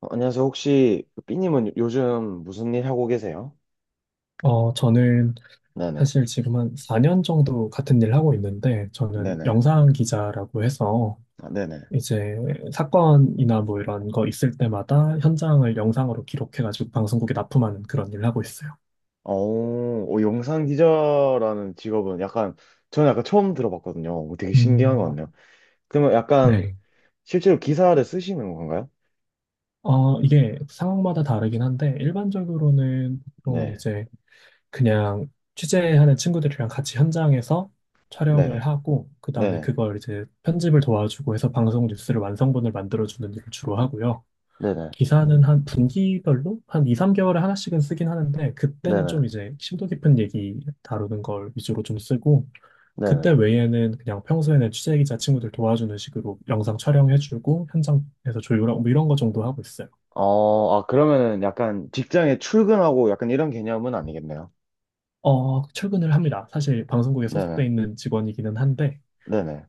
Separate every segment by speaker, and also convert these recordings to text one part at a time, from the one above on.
Speaker 1: 어, 안녕하세요. 혹시 그 삐님은 요즘 무슨 일 하고 계세요?
Speaker 2: 저는
Speaker 1: 네네.
Speaker 2: 사실 지금 한 4년 정도 같은 일 하고 있는데, 저는
Speaker 1: 네네.
Speaker 2: 영상 기자라고 해서
Speaker 1: 아, 네네.
Speaker 2: 이제 사건이나 뭐 이런 거 있을 때마다 현장을 영상으로 기록해가지고 방송국에 납품하는 그런 일을 하고 있어요.
Speaker 1: 오, 오, 영상 기자라는 직업은 약간 저는 약간 처음 들어봤거든요. 오, 되게 신기한 것
Speaker 2: 음,
Speaker 1: 같네요. 그러면 약간
Speaker 2: 네.
Speaker 1: 실제로 기사를 쓰시는 건가요?
Speaker 2: 이게 상황마다 다르긴 한데, 일반적으로는 보통은
Speaker 1: 네.
Speaker 2: 이제 그냥 취재하는 친구들이랑 같이 현장에서 촬영을
Speaker 1: 네네.
Speaker 2: 하고, 그 다음에
Speaker 1: 네네.
Speaker 2: 그걸 이제 편집을 도와주고 해서 방송 뉴스를 완성본을 만들어주는 일을 주로 하고요.
Speaker 1: 네네.
Speaker 2: 기사는 한 분기별로 한 2, 3개월에 하나씩은 쓰긴 하는데, 그때는 좀
Speaker 1: 네네.
Speaker 2: 이제 심도 깊은 얘기 다루는 걸 위주로 좀 쓰고,
Speaker 1: 네네.
Speaker 2: 그때 외에는 그냥 평소에는 취재 기자 친구들 도와주는 식으로 영상 촬영해주고 현장에서 조율하고 뭐 이런 거 정도 하고 있어요.
Speaker 1: 어, 아, 그러면은 약간 직장에 출근하고 약간 이런 개념은 아니겠네요.
Speaker 2: 출근을 합니다. 사실 방송국에
Speaker 1: 네네.
Speaker 2: 소속돼 있는 직원이기는 한데,
Speaker 1: 네네.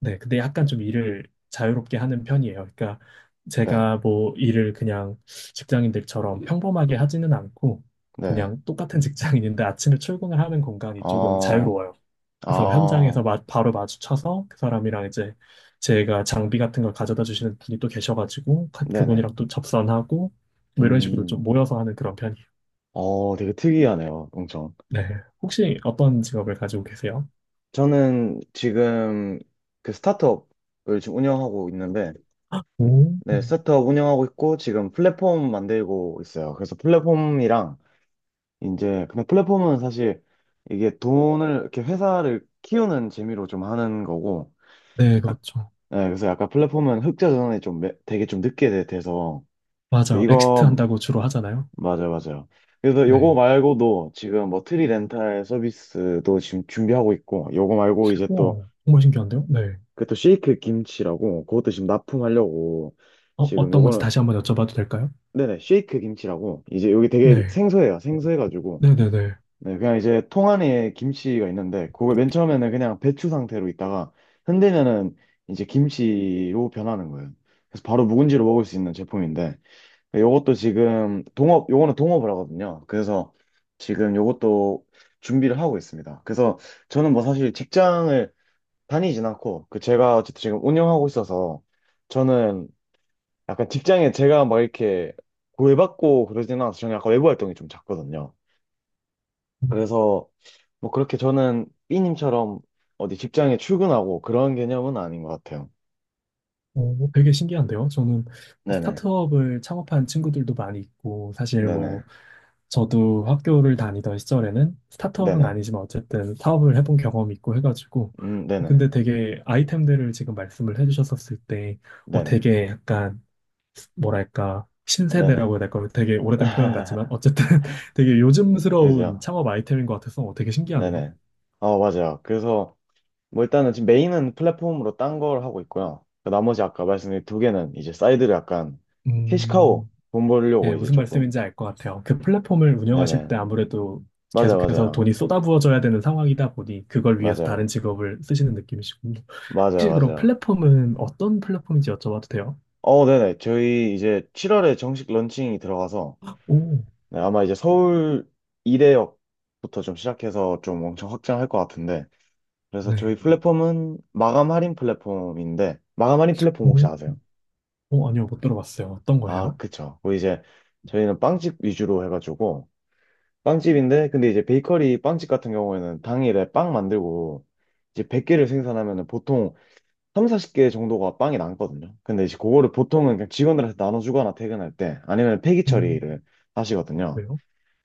Speaker 2: 네, 근데 약간 좀 일을 자유롭게 하는 편이에요. 그러니까
Speaker 1: 네.
Speaker 2: 제가 뭐 일을 그냥 직장인들처럼 평범하게 하지는 않고,
Speaker 1: 네.
Speaker 2: 그냥 똑같은 직장인인데 아침에 출근을 하는 공간이 조금
Speaker 1: 어,
Speaker 2: 자유로워요. 그래서 현장에서
Speaker 1: 아,
Speaker 2: 바로 마주쳐서 그 사람이랑 이제, 제가 장비 같은 걸 가져다 주시는 분이 또 계셔가지고
Speaker 1: 네네.
Speaker 2: 그분이랑 또 접선하고, 뭐 이런 식으로
Speaker 1: 음,
Speaker 2: 좀 모여서 하는 그런 편이에요.
Speaker 1: 어, 되게 특이하네요, 엄청.
Speaker 2: 네. 혹시 어떤 직업을 가지고 계세요?
Speaker 1: 저는 지금 그 스타트업을 지금 운영하고 있는데,
Speaker 2: 오.
Speaker 1: 네, 스타트업 운영하고 있고, 지금 플랫폼 만들고 있어요. 그래서 플랫폼이랑, 이제, 근데 플랫폼은 사실 이게 돈을, 이렇게 회사를 키우는 재미로 좀 하는 거고,
Speaker 2: 네,
Speaker 1: 아,
Speaker 2: 그렇죠.
Speaker 1: 네, 그래서 약간 플랫폼은 흑자 전환이 좀 되게 좀 늦게 돼서, 그래서
Speaker 2: 맞아요. 엑시트
Speaker 1: 이거
Speaker 2: 한다고 주로 하잖아요.
Speaker 1: 맞아요, 맞아요. 그래서 요거
Speaker 2: 네.
Speaker 1: 말고도 지금 뭐 트리 렌탈 서비스도 지금 준비하고 있고, 요거 말고 이제 또,
Speaker 2: 와, 정말 신기한데요? 네.
Speaker 1: 그 또 쉐이크 김치라고, 그것도 지금 납품하려고, 지금
Speaker 2: 어떤 건지
Speaker 1: 요거는,
Speaker 2: 다시 한번 여쭤봐도 될까요?
Speaker 1: 네네, 쉐이크 김치라고, 이제 여기 되게
Speaker 2: 네.
Speaker 1: 생소해요. 생소해가지고,
Speaker 2: 네네네.
Speaker 1: 네, 그냥 이제 통 안에 김치가 있는데, 그걸 맨 처음에는 그냥 배추 상태로 있다가, 흔들면은 이제 김치로 변하는 거예요. 그래서 바로 묵은지로 먹을 수 있는 제품인데, 요것도 지금 동업, 요거는 동업을 하거든요. 그래서 지금 요것도 준비를 하고 있습니다. 그래서 저는 뭐 사실 직장을 다니진 않고, 그 제가 어쨌든 지금 운영하고 있어서 저는 약간 직장에 제가 막 이렇게 구애받고 그러진 않아서 저는 약간 외부 활동이 좀 작거든요. 그래서 뭐 그렇게 저는 B님처럼 어디 직장에 출근하고 그런 개념은 아닌 것 같아요.
Speaker 2: 뭐 되게 신기한데요? 저는 뭐
Speaker 1: 네네.
Speaker 2: 스타트업을 창업한 친구들도 많이 있고, 사실
Speaker 1: 네네.
Speaker 2: 뭐, 저도 학교를 다니던 시절에는 스타트업은
Speaker 1: 네네.
Speaker 2: 아니지만 어쨌든 사업을 해본 경험이 있고 해가지고,
Speaker 1: 네네.
Speaker 2: 근데 되게 아이템들을 지금 말씀을 해주셨었을 때,
Speaker 1: 네네.
Speaker 2: 되게 약간, 뭐랄까,
Speaker 1: 네네.
Speaker 2: 신세대라고 해야 될까요? 되게 오래된 표현 같지만, 어쨌든 되게 요즘스러운
Speaker 1: 그죠?
Speaker 2: 창업 아이템인 것 같아서 되게 신기하네요.
Speaker 1: 네네. 어, 맞아요. 그래서 뭐 일단은 지금 메인은 플랫폼으로 딴 걸 하고 있고요. 그 나머지 아까 말씀드린 두 개는 이제 사이드를 약간 캐시카우
Speaker 2: 음,
Speaker 1: 돈
Speaker 2: 네,
Speaker 1: 벌려고 이제
Speaker 2: 무슨
Speaker 1: 조금.
Speaker 2: 말씀인지 알 것 같아요. 그 플랫폼을 운영하실
Speaker 1: 네네.
Speaker 2: 때 아무래도
Speaker 1: 맞아요,
Speaker 2: 계속해서
Speaker 1: 맞아요.
Speaker 2: 돈이 쏟아부어져야 되는 상황이다 보니, 그걸 위해서 다른
Speaker 1: 맞아요.
Speaker 2: 직업을 쓰시는 느낌이시군요.
Speaker 1: 맞아요,
Speaker 2: 혹시 그럼
Speaker 1: 맞아요.
Speaker 2: 플랫폼은 어떤 플랫폼인지 여쭤봐도 돼요?
Speaker 1: 어, 네네. 저희 이제 7월에 정식 런칭이 들어가서
Speaker 2: 오,
Speaker 1: 네, 아마 이제 서울 이대역부터 좀 시작해서 좀 엄청 확장할 것 같은데. 그래서
Speaker 2: 네.
Speaker 1: 저희 플랫폼은 마감 할인 플랫폼인데, 마감 할인 플랫폼 혹시
Speaker 2: 오,
Speaker 1: 아세요?
Speaker 2: 오, 아니요, 못 들어봤어요. 어떤
Speaker 1: 아,
Speaker 2: 거예요?
Speaker 1: 그쵸. 뭐 이제 저희는 빵집 위주로 해가지고 빵집인데 근데 이제 베이커리 빵집 같은 경우에는 당일에 빵 만들고 이제 100개를 생산하면은 보통 3, 40개 정도가 빵이 남거든요. 근데 이제 그거를 보통은 그냥 직원들한테 나눠주거나 퇴근할 때 아니면 폐기
Speaker 2: 음.
Speaker 1: 처리를 하시거든요.
Speaker 2: 왜요?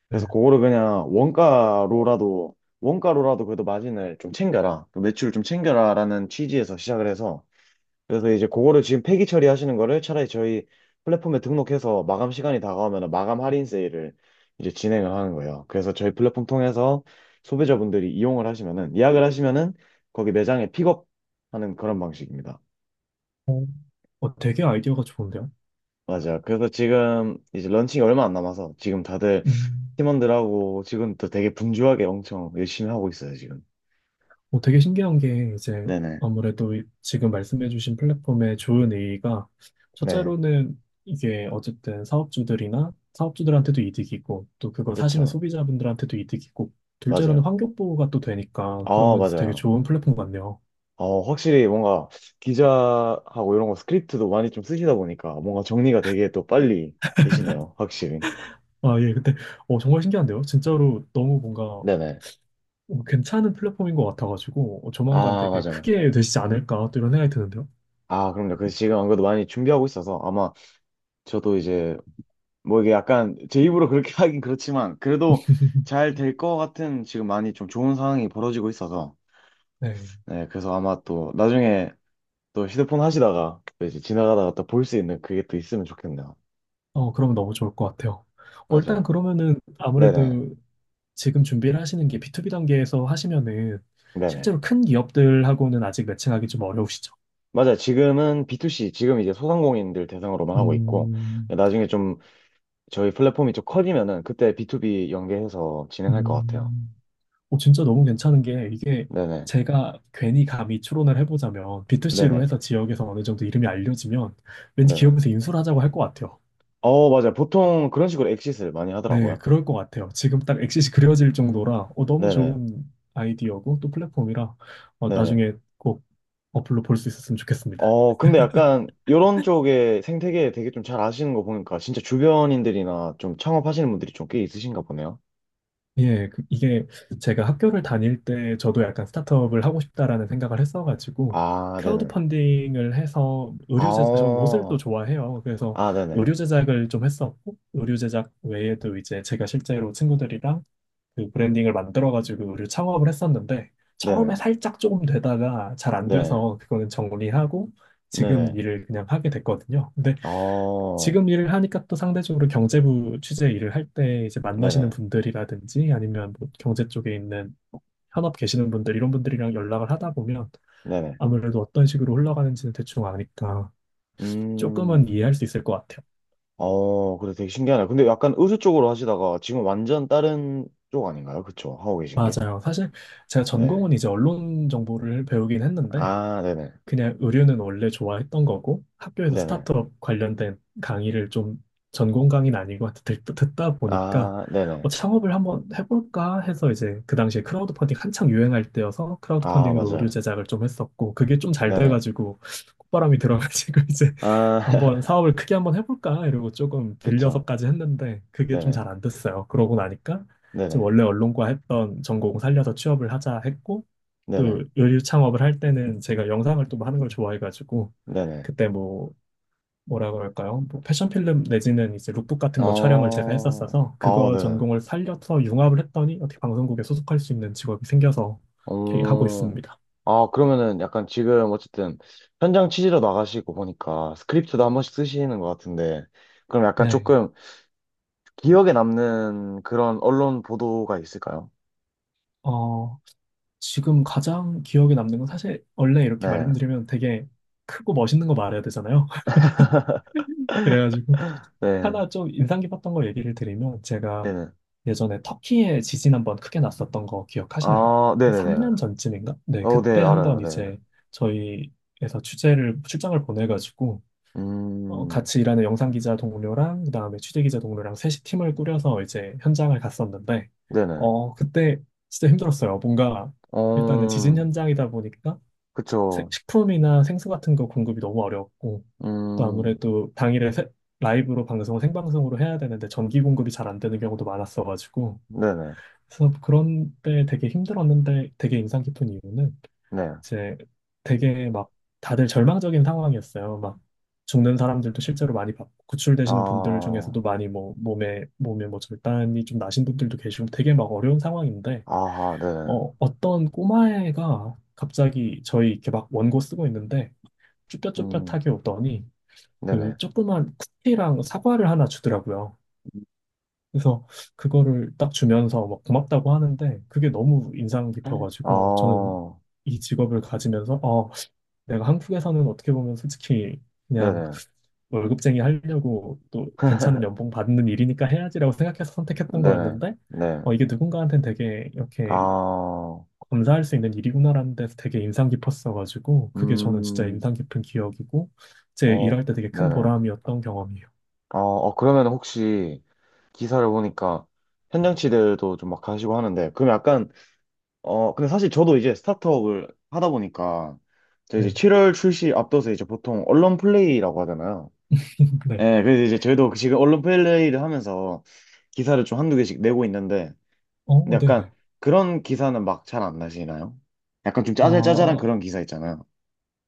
Speaker 2: 네.
Speaker 1: 그래서 그거를 그냥 원가로라도 그래도 마진을 좀 챙겨라. 그 매출을 좀 챙겨라라는 취지에서 시작을 해서 그래서 이제 그거를 지금 폐기 처리하시는 거를 차라리 저희 플랫폼에 등록해서 마감 시간이 다가오면 마감 할인 세일을 이제 진행을 하는 거예요. 그래서 저희 플랫폼 통해서 소비자분들이 이용을 하시면은 예약을 하시면은 거기 매장에 픽업하는 그런 방식입니다.
Speaker 2: 어, 되게 아이디어가 좋은데요?
Speaker 1: 맞아요. 그래서 지금 이제 런칭이 얼마 안 남아서 지금 다들
Speaker 2: 음.
Speaker 1: 팀원들하고 지금 또 되게 분주하게 엄청 열심히 하고 있어요, 지금.
Speaker 2: 되게 신기한 게 이제,
Speaker 1: 네네.
Speaker 2: 아무래도 지금 말씀해주신 플랫폼의 좋은 의의가,
Speaker 1: 네.
Speaker 2: 첫째로는 이게 어쨌든 사업주들이나 사업주들한테도 이득이고 또 그걸 사시는
Speaker 1: 그렇죠.
Speaker 2: 소비자분들한테도 이득이고, 둘째로는
Speaker 1: 맞아요.
Speaker 2: 환경 보호가 또 되니까,
Speaker 1: 아,
Speaker 2: 그러면서 되게
Speaker 1: 맞아요.
Speaker 2: 좋은 플랫폼 같네요.
Speaker 1: 어, 확실히 뭔가 기자하고 이런 거 스크립트도 많이 좀 쓰시다 보니까 뭔가 정리가 되게 또 빨리 되시네요. 확실히.
Speaker 2: 아, 예. 근데 정말 신기한데요? 진짜로 너무 뭔가
Speaker 1: 네네.
Speaker 2: 괜찮은 플랫폼인 것 같아가지고, 조만간
Speaker 1: 아,
Speaker 2: 되게
Speaker 1: 맞아요.
Speaker 2: 크게 되시지 않을까 또 이런 생각이 드는데요.
Speaker 1: 아, 그럼요. 그래서 지금 안 그래도 많이 준비하고 있어서 아마 저도 이제 뭐 이게 약간 제 입으로 그렇게 하긴 그렇지만 그래도 잘 될 것 같은 지금 많이 좀 좋은 상황이 벌어지고 있어서
Speaker 2: 네.
Speaker 1: 네, 그래서 아마 또 나중에 또 휴대폰 하시다가 또 이제 지나가다가 또 볼 수 있는 그게 또 있으면 좋겠네요.
Speaker 2: 그러면 너무 좋을 것 같아요. 일단
Speaker 1: 맞아요.
Speaker 2: 그러면은
Speaker 1: 네네.
Speaker 2: 아무래도 지금 준비를 하시는 게 B2B 단계에서 하시면은
Speaker 1: 네네.
Speaker 2: 실제로 큰 기업들하고는 아직 매칭하기 좀 어려우시죠?
Speaker 1: 맞아. 지금은 B2C, 지금 이제 소상공인들 대상으로만 하고 있고,
Speaker 2: 음,
Speaker 1: 나중에 좀 저희 플랫폼이 좀 커지면은 그때 B2B 연계해서 진행할 것 같아요.
Speaker 2: 음. 진짜 너무 괜찮은 게 이게,
Speaker 1: 네네.
Speaker 2: 제가 괜히 감히 추론을 해보자면 B2C로
Speaker 1: 네네.
Speaker 2: 해서 지역에서 어느 정도 이름이 알려지면 왠지
Speaker 1: 네네.
Speaker 2: 기업에서 인수를 하자고 할 것 같아요.
Speaker 1: 어, 맞아요. 보통 그런 식으로 엑싯을 많이
Speaker 2: 네,
Speaker 1: 하더라고요.
Speaker 2: 그럴 것 같아요. 지금 딱 엑싯이 그려질 정도라 너무
Speaker 1: 네네.
Speaker 2: 좋은 아이디어고 또 플랫폼이라,
Speaker 1: 네네.
Speaker 2: 나중에 꼭 어플로 볼 수 있었으면 좋겠습니다.
Speaker 1: 어, 근데 약간 이런 쪽의 생태계 되게 좀 잘 아시는 거 보니까 진짜 주변인들이나 좀 창업하시는 분들이 좀 꽤 있으신가 보네요.
Speaker 2: 예, 이게, 제가 학교를 다닐 때 저도 약간 스타트업을 하고 싶다라는 생각을 했어가지고
Speaker 1: 아,
Speaker 2: 크라우드
Speaker 1: 네네.
Speaker 2: 펀딩을 해서
Speaker 1: 아,
Speaker 2: 의류 제작, 저 옷을 또
Speaker 1: 어.
Speaker 2: 좋아해요. 그래서
Speaker 1: 아, 네네.
Speaker 2: 의류 제작을 좀 했었고, 의류 제작 외에도 이제 제가 실제로 친구들이랑 그 브랜딩을 만들어가지고 의류 창업을 했었는데,
Speaker 1: 네네.
Speaker 2: 처음에 살짝 조금 되다가 잘 안
Speaker 1: 네.
Speaker 2: 돼서 그거는 정리하고 지금
Speaker 1: 네네.
Speaker 2: 일을 그냥 하게 됐거든요. 근데
Speaker 1: 어.
Speaker 2: 지금 일을 하니까 또 상대적으로 경제부 취재 일을 할 때 이제 만나시는
Speaker 1: 네네.
Speaker 2: 분들이라든지, 아니면 뭐 경제 쪽에 있는 현업 계시는 분들 이런 분들이랑 연락을 하다 보면,
Speaker 1: 네네.
Speaker 2: 아무래도 어떤 식으로 흘러가는지는 대충 아니까 조금은
Speaker 1: 음,
Speaker 2: 이해할 수 있을 것 같아요.
Speaker 1: 어, 그래 되게 신기하네. 근데 약간 의류 쪽으로 하시다가 지금 완전 다른 쪽 아닌가요? 그쵸? 하고 계신 게?
Speaker 2: 맞아요. 사실 제가
Speaker 1: 네.
Speaker 2: 전공은 이제 언론 정보를 배우긴 했는데,
Speaker 1: 아, 네네.
Speaker 2: 그냥 의류는 원래 좋아했던 거고, 학교에서
Speaker 1: 네네.
Speaker 2: 스타트업 관련된 강의를 좀, 전공 강의는 아니고 하여튼 듣다 보니까
Speaker 1: 아, 네네.
Speaker 2: 창업을 한번 해볼까 해서 이제, 그 당시에 크라우드 펀딩 한창 유행할 때여서 크라우드
Speaker 1: 아,
Speaker 2: 펀딩으로 의류
Speaker 1: 맞아요.
Speaker 2: 제작을 좀 했었고, 그게 좀 잘
Speaker 1: 네네.
Speaker 2: 돼가지고 콧바람이 들어가지고 이제 한번
Speaker 1: 아,
Speaker 2: 사업을 크게 한번 해볼까 이러고 조금
Speaker 1: 그쵸.
Speaker 2: 빌려서까지 했는데, 그게 좀
Speaker 1: 네네.
Speaker 2: 잘 안 됐어요. 그러고 나니까 이제
Speaker 1: 네네.
Speaker 2: 원래 언론과 했던 전공 살려서 취업을 하자 했고,
Speaker 1: 네네.
Speaker 2: 또 요리 창업을 할 때는 제가 영상을 또 하는 걸 좋아해가지고,
Speaker 1: 네네.
Speaker 2: 그때 뭐, 뭐라고 할까요? 뭐 패션 필름 내지는 이제 룩북 같은 거 촬영을 제가
Speaker 1: 어,
Speaker 2: 했었어서,
Speaker 1: 아,
Speaker 2: 그거
Speaker 1: 네네.
Speaker 2: 전공을 살려서 융합을 했더니 어떻게 방송국에 소속할 수 있는 직업이 생겨서 이렇게 하고
Speaker 1: 어,
Speaker 2: 있습니다.
Speaker 1: 아, 그러면은 약간 지금 어쨌든 현장 취재로 나가시고 보니까 스크립트도 한 번씩 쓰시는 것 같은데 그럼 약간
Speaker 2: 네.
Speaker 1: 조금 기억에 남는 그런 언론 보도가 있을까요?
Speaker 2: 어, 지금 가장 기억에 남는 건, 사실 원래 이렇게
Speaker 1: 네,
Speaker 2: 말씀드리면 되게 크고 멋있는 거 말해야 되잖아요. 그래가지고
Speaker 1: 네,
Speaker 2: 하나 좀 인상 깊었던 거 얘기를 드리면, 제가
Speaker 1: 네네.
Speaker 2: 예전에 터키에 지진 한번 크게 났었던 거 기억하시나요?
Speaker 1: 아,
Speaker 2: 한
Speaker 1: 네네네.
Speaker 2: 3년 전쯤인가? 네,
Speaker 1: 어, 네,
Speaker 2: 그때
Speaker 1: 알아요,
Speaker 2: 한번
Speaker 1: 네.
Speaker 2: 이제 저희에서 취재를 출장을 보내가지고,
Speaker 1: 음,
Speaker 2: 같이 일하는 영상 기자 동료랑 그다음에 취재 기자 동료랑 셋이 팀을 꾸려서 이제 현장을 갔었는데,
Speaker 1: 네네.
Speaker 2: 그때 진짜 힘들었어요. 뭔가 일단은 지진
Speaker 1: 어,
Speaker 2: 현장이다 보니까
Speaker 1: 그쵸.
Speaker 2: 식품이나 생수 같은 거 공급이 너무 어려웠고, 또
Speaker 1: 음,
Speaker 2: 아무래도 당일에 라이브로 방송 생방송으로 해야 되는데 전기 공급이 잘 안 되는 경우도 많았어가지고,
Speaker 1: 네네,
Speaker 2: 그래서 그런 때 되게 힘들었는데, 되게 인상 깊은 이유는
Speaker 1: 네.
Speaker 2: 이제, 되게 막 다들 절망적인 상황이었어요. 막 죽는 사람들도 실제로 많이 봤고, 구출되시는 분들
Speaker 1: 아,
Speaker 2: 중에서도 많이 뭐 몸에 뭐 절단이 좀 나신 분들도 계시고, 되게 막 어려운 상황인데,
Speaker 1: 아하, 네네.
Speaker 2: 어떤 꼬마애가 갑자기 저희 이렇게 막 원고 쓰고 있는데
Speaker 1: 음,
Speaker 2: 쭈뼛쭈뼛하게 오더니
Speaker 1: 네네.
Speaker 2: 그 조그만 쿠키랑 사과를 하나 주더라고요. 그래서 그거를 딱 주면서 막 고맙다고 하는데, 그게 너무 인상
Speaker 1: 아,
Speaker 2: 깊어가지고 저는 이 직업을 가지면서 내가 한국에서는 어떻게 보면 솔직히 그냥
Speaker 1: 네네.
Speaker 2: 월급쟁이 하려고, 또 괜찮은 연봉 받는 일이니까 해야지라고 생각해서 선택했던
Speaker 1: 네네,
Speaker 2: 거였는데,
Speaker 1: 네.
Speaker 2: 이게 누군가한테는 되게 이렇게
Speaker 1: 아,
Speaker 2: 감사할 수 있는 일이구나라는 데서 되게 인상 깊었어가지고, 그게 저는 진짜
Speaker 1: 음,
Speaker 2: 인상 깊은 기억이고 제
Speaker 1: 어,
Speaker 2: 일할 때 되게 큰
Speaker 1: 네네.
Speaker 2: 보람이었던 경험이에요.
Speaker 1: 어, 어, 그러면 혹시 기사를 보니까 현장치들도 좀 막 가시고 하는데, 그럼 약간, 어, 근데 사실 저도 이제 스타트업을 하다 보니까, 저 이제
Speaker 2: 네네.
Speaker 1: 7월 출시 앞둬서 이제 보통 언론 플레이라고 하잖아요.
Speaker 2: 네.
Speaker 1: 예, 그래서 이제 저희도 지금 언론 플레이를 하면서 기사를 좀 한두 개씩 내고 있는데, 근데
Speaker 2: 어,
Speaker 1: 약간
Speaker 2: 네네.
Speaker 1: 그런 기사는 막 잘 안 나시나요? 약간 좀 짜잘짜잘한
Speaker 2: 아,
Speaker 1: 그런 기사 있잖아요.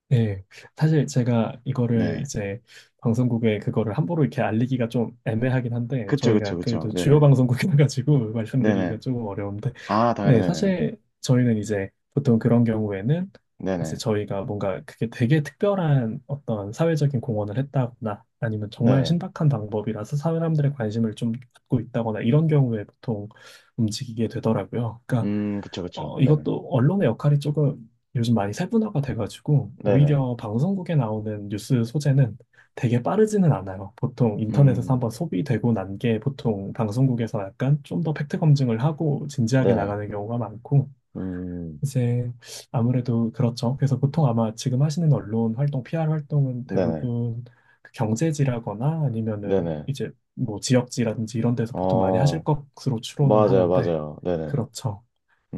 Speaker 2: 네, 사실 제가 이거를
Speaker 1: 네.
Speaker 2: 이제 방송국에 그거를 함부로 이렇게 알리기가 좀 애매하긴 한데,
Speaker 1: 그쵸, 그쵸,
Speaker 2: 저희가
Speaker 1: 그쵸.
Speaker 2: 그래도 주요
Speaker 1: 네네.
Speaker 2: 방송국이라 가지고
Speaker 1: 네네.
Speaker 2: 말씀드리기가 조금 어려운데,
Speaker 1: 아, 당연히
Speaker 2: 네,
Speaker 1: 네네네.
Speaker 2: 사실 저희는 이제 보통 그런 경우에는, 이제
Speaker 1: 네네.
Speaker 2: 저희가 뭔가 그게 되게 특별한 어떤 사회적인 공헌을 했다거나, 아니면 정말
Speaker 1: 네네.
Speaker 2: 신박한 방법이라서 사회 사람들의 관심을 좀 받고 있다거나 이런 경우에 보통 움직이게 되더라고요. 그러니까
Speaker 1: 그쵸, 그쵸. 네네.
Speaker 2: 이것도 언론의 역할이 조금 요즘 많이 세분화가 돼가지고,
Speaker 1: 네네.
Speaker 2: 오히려 방송국에 나오는 뉴스 소재는 되게 빠르지는 않아요. 보통 인터넷에서
Speaker 1: 음,
Speaker 2: 한번 소비되고 난 게 보통 방송국에서 약간 좀 더 팩트 검증을 하고 진지하게
Speaker 1: 네네.
Speaker 2: 나가는 경우가 많고,
Speaker 1: 음,
Speaker 2: 이제 아무래도 그렇죠. 그래서 보통 아마 지금 하시는 언론 활동, PR 활동은
Speaker 1: 네네.
Speaker 2: 대부분 그 경제지라거나 아니면은
Speaker 1: 네네.
Speaker 2: 이제 뭐 지역지라든지 이런 데서 보통 많이 하실
Speaker 1: 어,
Speaker 2: 것으로 추론은
Speaker 1: 맞아요,
Speaker 2: 하는데,
Speaker 1: 맞아요. 네네.
Speaker 2: 그렇죠.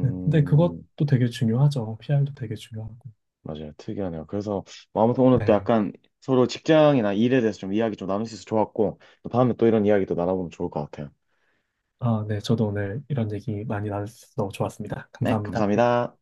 Speaker 2: 네, 근데 그것도 되게 중요하죠. PR도 되게 중요하고.
Speaker 1: 맞아요. 특이하네요. 그래서, 뭐 아무튼 오늘 또
Speaker 2: 네.
Speaker 1: 약간 서로 직장이나 일에 대해서 좀 이야기 좀 나눌 수 있어서 좋았고, 또 다음에 또 이런 이야기도 나눠보면 좋을 것 같아요.
Speaker 2: 아, 네. 저도 오늘 이런 얘기 많이 나눠서 좋았습니다.
Speaker 1: 네,
Speaker 2: 감사합니다.
Speaker 1: 감사합니다.